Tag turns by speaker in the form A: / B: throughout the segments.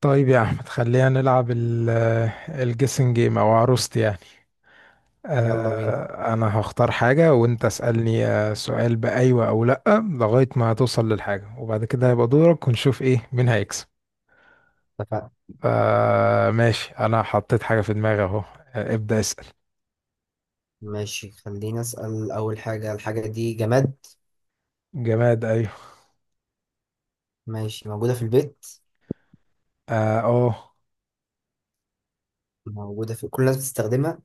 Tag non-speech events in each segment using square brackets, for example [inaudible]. A: طيب يا احمد خلينا نلعب الجيسنج جيم او عروستي يعني.
B: يلا بينا.
A: انا هختار حاجه وانت اسالني سؤال بايوه او لا لغايه ما توصل للحاجه، وبعد كده هيبقى دورك ونشوف ايه مين هيكسب.
B: اتفقنا.
A: ماشي، انا حطيت حاجه في دماغي اهو، ابدا اسال.
B: ماشي، خليني أسأل أول حاجة. الحاجة دي جماد؟
A: جماد ايوه.
B: ماشي. موجودة في البيت؟
A: اه أوه.
B: موجودة في كل الناس بتستخدمها؟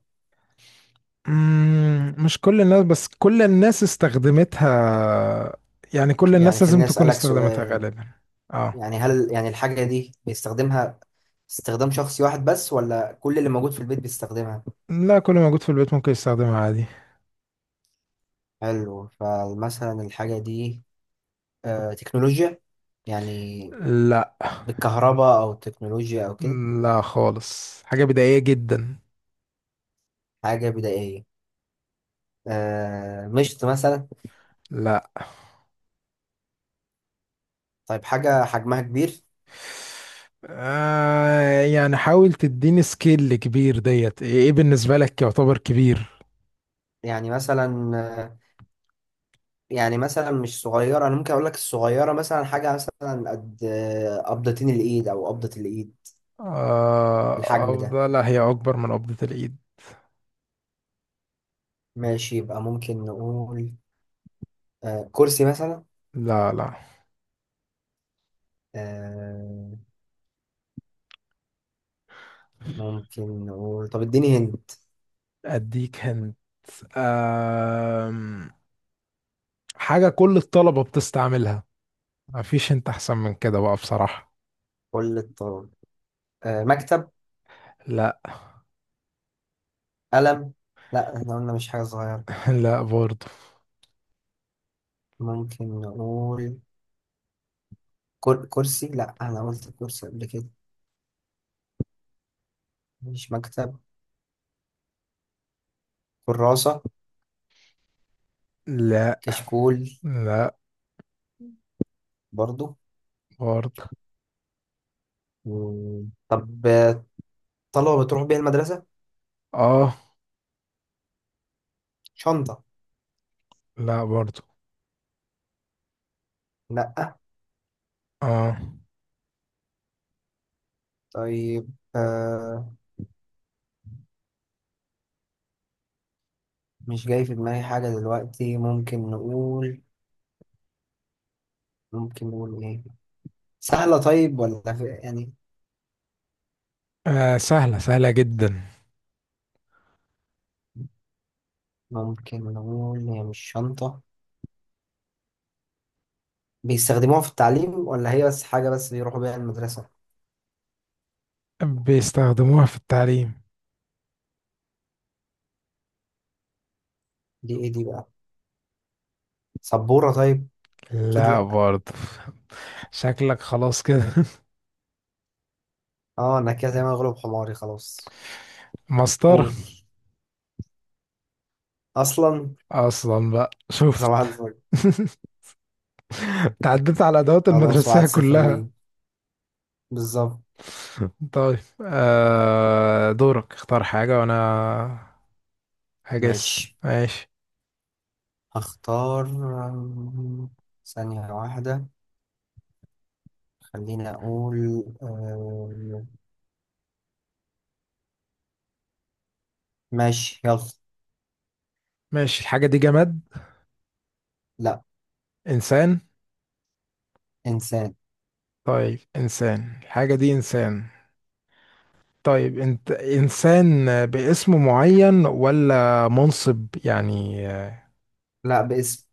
A: مش كل الناس، بس كل الناس استخدمتها. يعني كل الناس
B: يعني
A: لازم
B: خليني
A: تكون
B: أسألك
A: استخدمتها
B: سؤال.
A: غالبا. اه
B: يعني هل يعني الحاجة دي بيستخدمها استخدام شخصي واحد بس، ولا كل اللي موجود في البيت بيستخدمها؟
A: لا، كل موجود في البيت ممكن يستخدمها عادي.
B: حلو. فمثلا الحاجة دي تكنولوجيا، يعني
A: لا
B: بالكهرباء أو التكنولوجيا أو كده؟
A: لا، خالص حاجة بدائية جدا.
B: حاجة بدائية. مشط مثلا؟
A: لا.
B: طيب، حاجة حجمها كبير.
A: آه يعني حاول تديني سكيل كبير، ديت ايه، إيه بالنسبة لك يعتبر كبير؟
B: يعني مثلا، آه، يعني مثلا مش صغيرة. أنا ممكن أقول لك الصغيرة مثلا حاجة مثلا قد قبضتين الإيد أو قبضة الإيد.
A: آه
B: الحجم ده.
A: أفضل، لا هي أكبر من قبضة الإيد.
B: ماشي، يبقى ممكن نقول كرسي مثلا؟
A: لا لا.
B: آه ممكن نقول، طب اديني هنت.
A: أديك هنت. آم، حاجة كل الطلبة بتستعملها. مفيش، انت احسن من كده بقى بصراحة.
B: كل الطرق. مكتب؟
A: لا.
B: قلم؟ لا، احنا قلنا مش حاجة صغيرة.
A: [laughs] لا برضو.
B: ممكن نقول كرسي. لا، أنا قلت كرسي قبل كده. مش مكتب. كراسة؟
A: لا.
B: كشكول؟
A: لا
B: برضو.
A: برضو.
B: مم. طب، طلبة بتروح بيها المدرسة؟
A: اه.
B: شنطة؟
A: لا برضو.
B: لأ.
A: اه.
B: طيب، آه مش جاي في دماغي حاجة دلوقتي. ممكن نقول، إيه سهلة، طيب، ولا في يعني؟
A: آه سهلة، سهلة جدا.
B: ممكن نقول هي مش شنطة. بيستخدموها في التعليم، ولا هي بس حاجة بس بيروحوا بيها المدرسة؟
A: بيستخدموها في التعليم.
B: دي إيه دي بقى؟ سبورة؟ طيب. أكيد
A: لا
B: لأ.
A: برضه. شكلك خلاص كده. [laughs]
B: أه، أنا كده زي ما أغلب حماري خلاص.
A: مسطرة
B: قول، أصلا.
A: أصلا، بقى شفت؟
B: صباح
A: [laughs]
B: الفل.
A: تعديت على الأدوات
B: خلاص،
A: المدرسية
B: 1-0
A: كلها.
B: ليه. بالظبط.
A: [laughs] طيب، آه دورك، اختار حاجة وأنا هجس.
B: ماشي،
A: ماشي.
B: هختار. آم، ثانية واحدة. خليني أقول ماشي يلا.
A: ماشي، الحاجة دي جماد؟
B: لا.
A: إنسان؟
B: إنسان.
A: طيب إنسان، الحاجة دي إنسان؟ طيب انت إنسان باسم معين ولا منصب يعني؟
B: لا، باسم.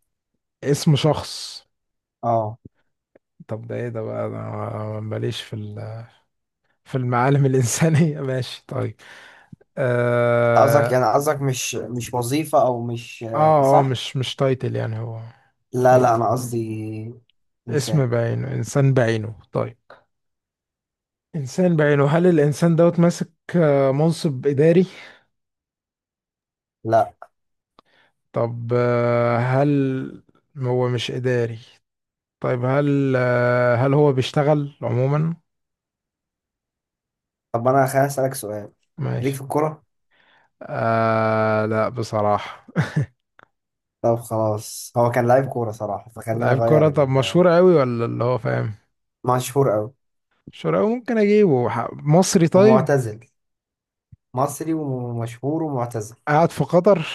A: اسم شخص.
B: اه.
A: طب ده ايه ده بقى، انا ماليش في ال-. [laughs] في المعالم الانسانيه. [laughs] ماشي طيب.
B: أنت قصدك،
A: اه.
B: يعني قصدك مش وظيفة، أو مش
A: اه،
B: صح؟
A: مش تايتل يعني هو.
B: لا
A: هو
B: لا، أنا قصدي.
A: اسم
B: إنسان.
A: بعينه، انسان بعينه طيب. انسان بعينه، هل الانسان دوت ماسك؟ منصب اداري؟
B: لا.
A: طب هل هو مش اداري؟ طيب هل هل هو بيشتغل عموما؟
B: طب أنا خليني أسألك سؤال. ليك في
A: ماشي.
B: الكورة؟
A: آه لا بصراحه.
B: طب خلاص، هو كان لعيب كورة صراحة،
A: [laughs]
B: فخلينا
A: لعيب كرة؟
B: أغير
A: طب مشهور قوي ولا اللي هو فاهم؟
B: مشهور أوي.
A: شراوي؟ ممكن اجيبه، ح- مصري طيب.
B: ومعتزل. مصري ومشهور ومعتزل.
A: قاعد في قطر.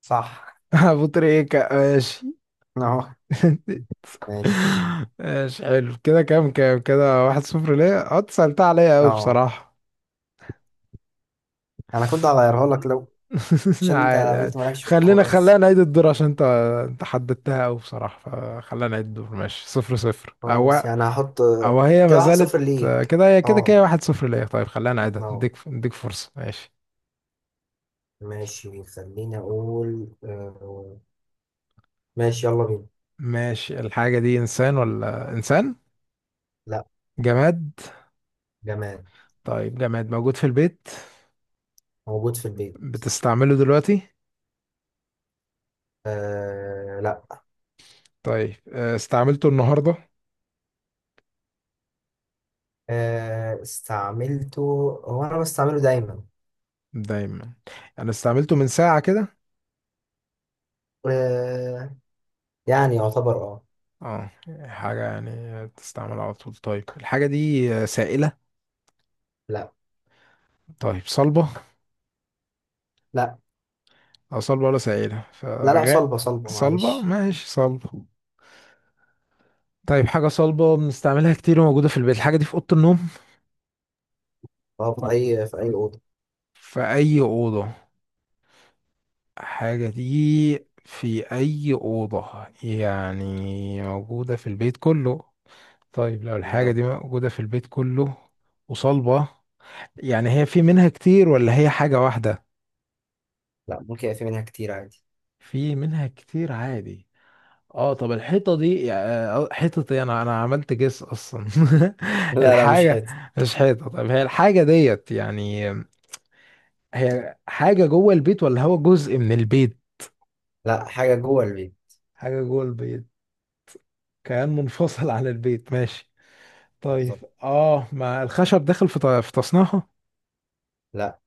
B: صح.
A: [laughs] ابو تريكة ماشي.
B: [laughs] أهو.
A: [laughs]
B: ماشي.
A: ماشي حلو كده. كام كام كده؟ واحد صفر ليه، انت سألتها عليا قوي
B: أه،
A: بصراحة.
B: أنا كنت هغيرها لك، لو
A: [laughs]
B: عشان أنت
A: عادي عادي.
B: قلت مالكش في
A: خلينا
B: الكورة
A: خلينا
B: بس.
A: نعيد الدور، عشان انت حددتها قوي بصراحة، فخلينا نعيد الدور. ماشي صفر صفر، او
B: خلاص يعني هحط
A: او هي
B: كده
A: ما
B: واحد
A: زالت.
B: صفر ليك.
A: كده هي كده، كده
B: اه.
A: واحد صفر ليه. طيب خلينا نعيدها،
B: اه.
A: اديك اديك فرصة ماشي.
B: ماشي، خليني اقول. ماشي يلا بينا.
A: ماشي، الحاجة دي انسان ولا انسان؟
B: لا.
A: جماد.
B: جماد.
A: طيب جماد، موجود في البيت؟
B: موجود في البيت.
A: بتستعمله دلوقتي؟
B: لا.
A: طيب استعملته النهاردة؟
B: استعملته. هو انا بستعمله دايما.
A: دايما. انا استعملته من ساعة كده.
B: آه يعني يعتبر. اه.
A: اه حاجة يعني تستعمل على طول. طيب الحاجة دي سائلة؟
B: لا.
A: طيب صلبة؟
B: لا
A: اه، صلبة ولا سائلة
B: لا، لا
A: فغاء؟
B: صلبة صلبة
A: صلبة
B: معلش.
A: ماشي، صلبة. طيب حاجة صلبة بنستعملها كتير وموجودة في البيت، الحاجة دي في أوضة النوم؟
B: اه، في اي اوضة.
A: في أي أوضة؟ الحاجة دي في أي أوضة، يعني موجودة في البيت كله؟ طيب لو الحاجة
B: بالظبط.
A: دي موجودة في البيت كله وصلبة، يعني هي في منها كتير ولا هي حاجة واحدة؟
B: لا، ممكن يبقى في منها كتير عادي.
A: في منها كتير عادي. اه طب الحيطة دي، حيطة ايه، انا عملت جس اصلا. [laughs]
B: لا لا، مش
A: الحاجة
B: حته.
A: مش حيطة. طب هي الحاجة ديت يعني، هي حاجة جوه البيت ولا هو جزء من البيت؟
B: لا، حاجة جوه البيت.
A: حاجة جوه البيت. كيان منفصل عن البيت ماشي. طيب
B: بالظبط.
A: اه، ما الخشب داخل في ط- في تصنيعها؟
B: لا،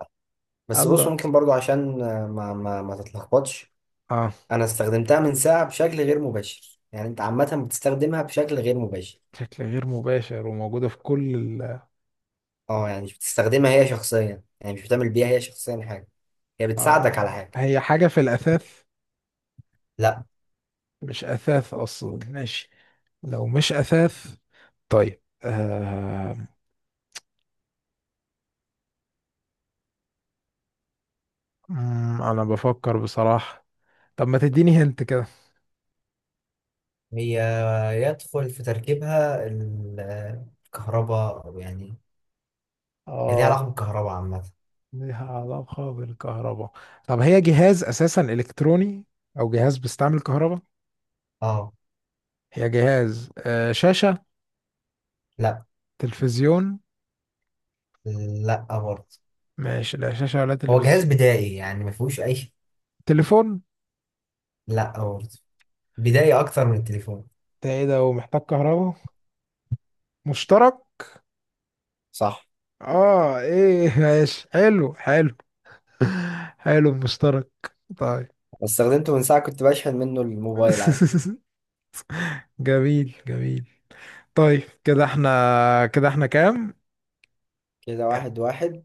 B: بس بص،
A: الله.
B: ممكن برضو عشان ما تتلخبطش.
A: اه
B: انا استخدمتها من ساعة بشكل غير مباشر، يعني انت عامة بتستخدمها بشكل غير مباشر.
A: بشكل غير مباشر، وموجودة في كل ال-.
B: اه، يعني مش بتستخدمها هي شخصيا، يعني مش بتعمل بيها هي شخصيا حاجة. هي بتساعدك على
A: آه
B: حاجة.
A: هي حاجة في الأثاث؟
B: لا.
A: مش أثاث أصلا ماشي. لو مش أثاث، طيب آه. أنا بفكر بصراحة. طب ما تديني هنت كده.
B: هي، يدخل في تركيبها الكهرباء أو يعني. هي ليها
A: آه،
B: علاقة بالكهرباء عامة.
A: ليها علاقة بالكهرباء؟ طب هي جهاز أساسا إلكتروني، أو جهاز بيستعمل كهرباء؟
B: اه.
A: هي جهاز آه شاشة؟
B: لا
A: تلفزيون؟
B: لا، برضه.
A: ماشي لا شاشة ولا
B: هو جهاز
A: تلفزيون.
B: بدائي، يعني ما فيهوش أي شيء.
A: تليفون؟
B: لا برضه. بدائي أكتر من التليفون.
A: ده ايه ده ومحتاج كهرباء؟ مشترك.
B: صح.
A: اه ايه. [laughs] ماشي حلو حلو. حلو المشترك. طيب.
B: استخدمته من ساعة، كنت بشحن منه الموبايل عادي.
A: [laughs] جميل جميل. طيب كده احنا، كده احنا كام؟
B: كده 1-1.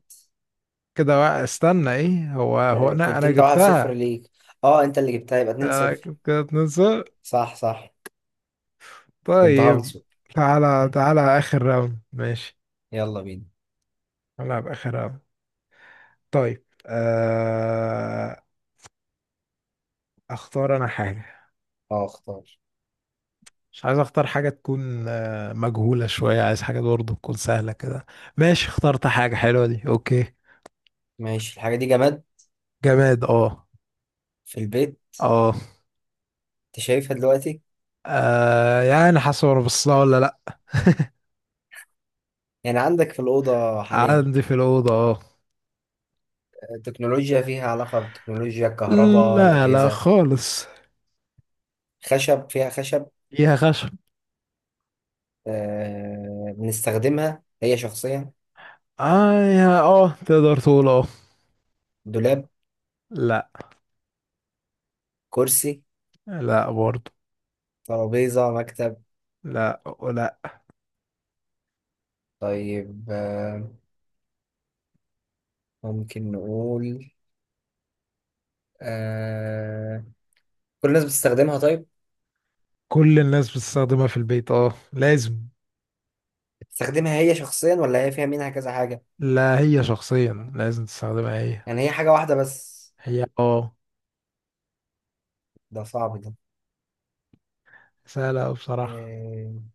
A: كده وا- استنى ايه، هو انا
B: كنت
A: انا
B: انت 1-0
A: جبتها.
B: ليك. اه، انت اللي جبتها يبقى اتنين
A: انا
B: صفر
A: كده اتنين صفر.
B: صح صح. كنت
A: طيب،
B: هنصب.
A: تعالى تعالى اخر راوند ماشي.
B: يلا بينا.
A: تعالى اخر راوند. طيب آه. اختار انا حاجة،
B: اه، اختار.
A: مش عايز اختار حاجة تكون مجهولة شوية، عايز حاجة برضه تكون سهلة كده. ماشي اخترت حاجة حلوة دي اوكي.
B: ماشي، الحاجة دي جماد.
A: جماد اه.
B: في البيت.
A: اه
B: انت شايفها دلوقتي؟
A: يعني حسب، انا بصلها ولا لا؟
B: يعني عندك في الأوضة حاليا؟
A: عندي في الأوضة اه.
B: تكنولوجيا، فيها علاقة بالتكنولوجيا، الكهرباء،
A: لا لا
B: الأجهزة؟
A: خالص.
B: خشب، فيها خشب؟
A: فيها خشب
B: بنستخدمها هي شخصيا؟
A: اه، يا اه، تقدر تقول اه.
B: دولاب؟
A: لا.
B: كرسي؟
A: لا برضه.
B: ترابيزة؟ مكتب؟
A: لا. لا.
B: طيب، ممكن نقول آه... كل الناس بتستخدمها. طيب.
A: كل الناس بتستخدمها في البيت اه، لازم.
B: بتستخدمها هي شخصيا، ولا هي فيها منها كذا حاجة؟
A: لا هي شخصيا لازم تستخدمها هي.
B: يعني هي حاجة واحدة بس؟
A: هي اه.
B: ده صعب ده.
A: سهلة أوي بصراحة.
B: آه...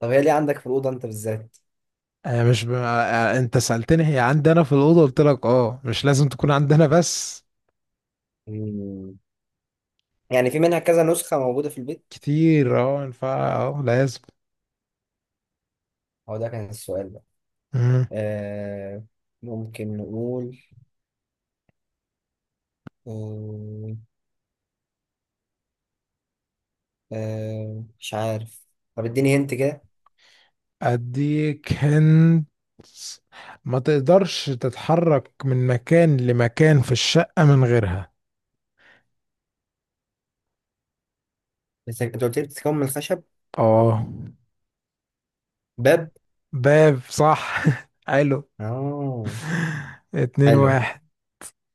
B: طب هي ليه عندك في الأوضة أنت بالذات؟
A: آه، مش ب... آه، آه، انت سألتني هي عندنا في الأوضة، قلت لك اه مش لازم تكون عندنا بس.
B: مم. يعني في منها كذا نسخة موجودة في البيت؟
A: كتير اه، ينفع اه لازم.
B: هو ده كان السؤال ده.
A: مم.
B: آه... ممكن نقول آه... مش عارف. طب اديني هنت كده.
A: اديك هند. ما تقدرش تتحرك من مكان لمكان في الشقة من غيرها.
B: بس انت قلت لي بتتكون من الخشب.
A: اه.
B: باب.
A: باب صح. [laughs] حلو.
B: اه.
A: اتنين
B: حلو.
A: واحد.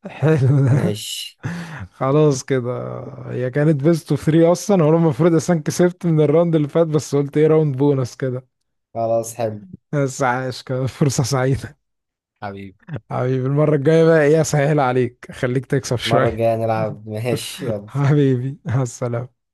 A: حلو ده.
B: ماشي،
A: [laughs] خلاص كده. هي كانت بيست اوف 3 اصلا، وانا المفروض اصلا كسبت من الراوند اللي فات، بس قلت ايه راوند بونص كده.
B: خلاص. حلو.
A: بس عاش كانت فرصة سعيدة.
B: حبيبي،
A: حبيبي، المرة الجاية بقى ايه، اسهل عليك خليك تكسب
B: المرة
A: شوية.
B: الجاية نلعب. ماشي
A: [laughs]
B: يلا.
A: حبيبي مع السلامة.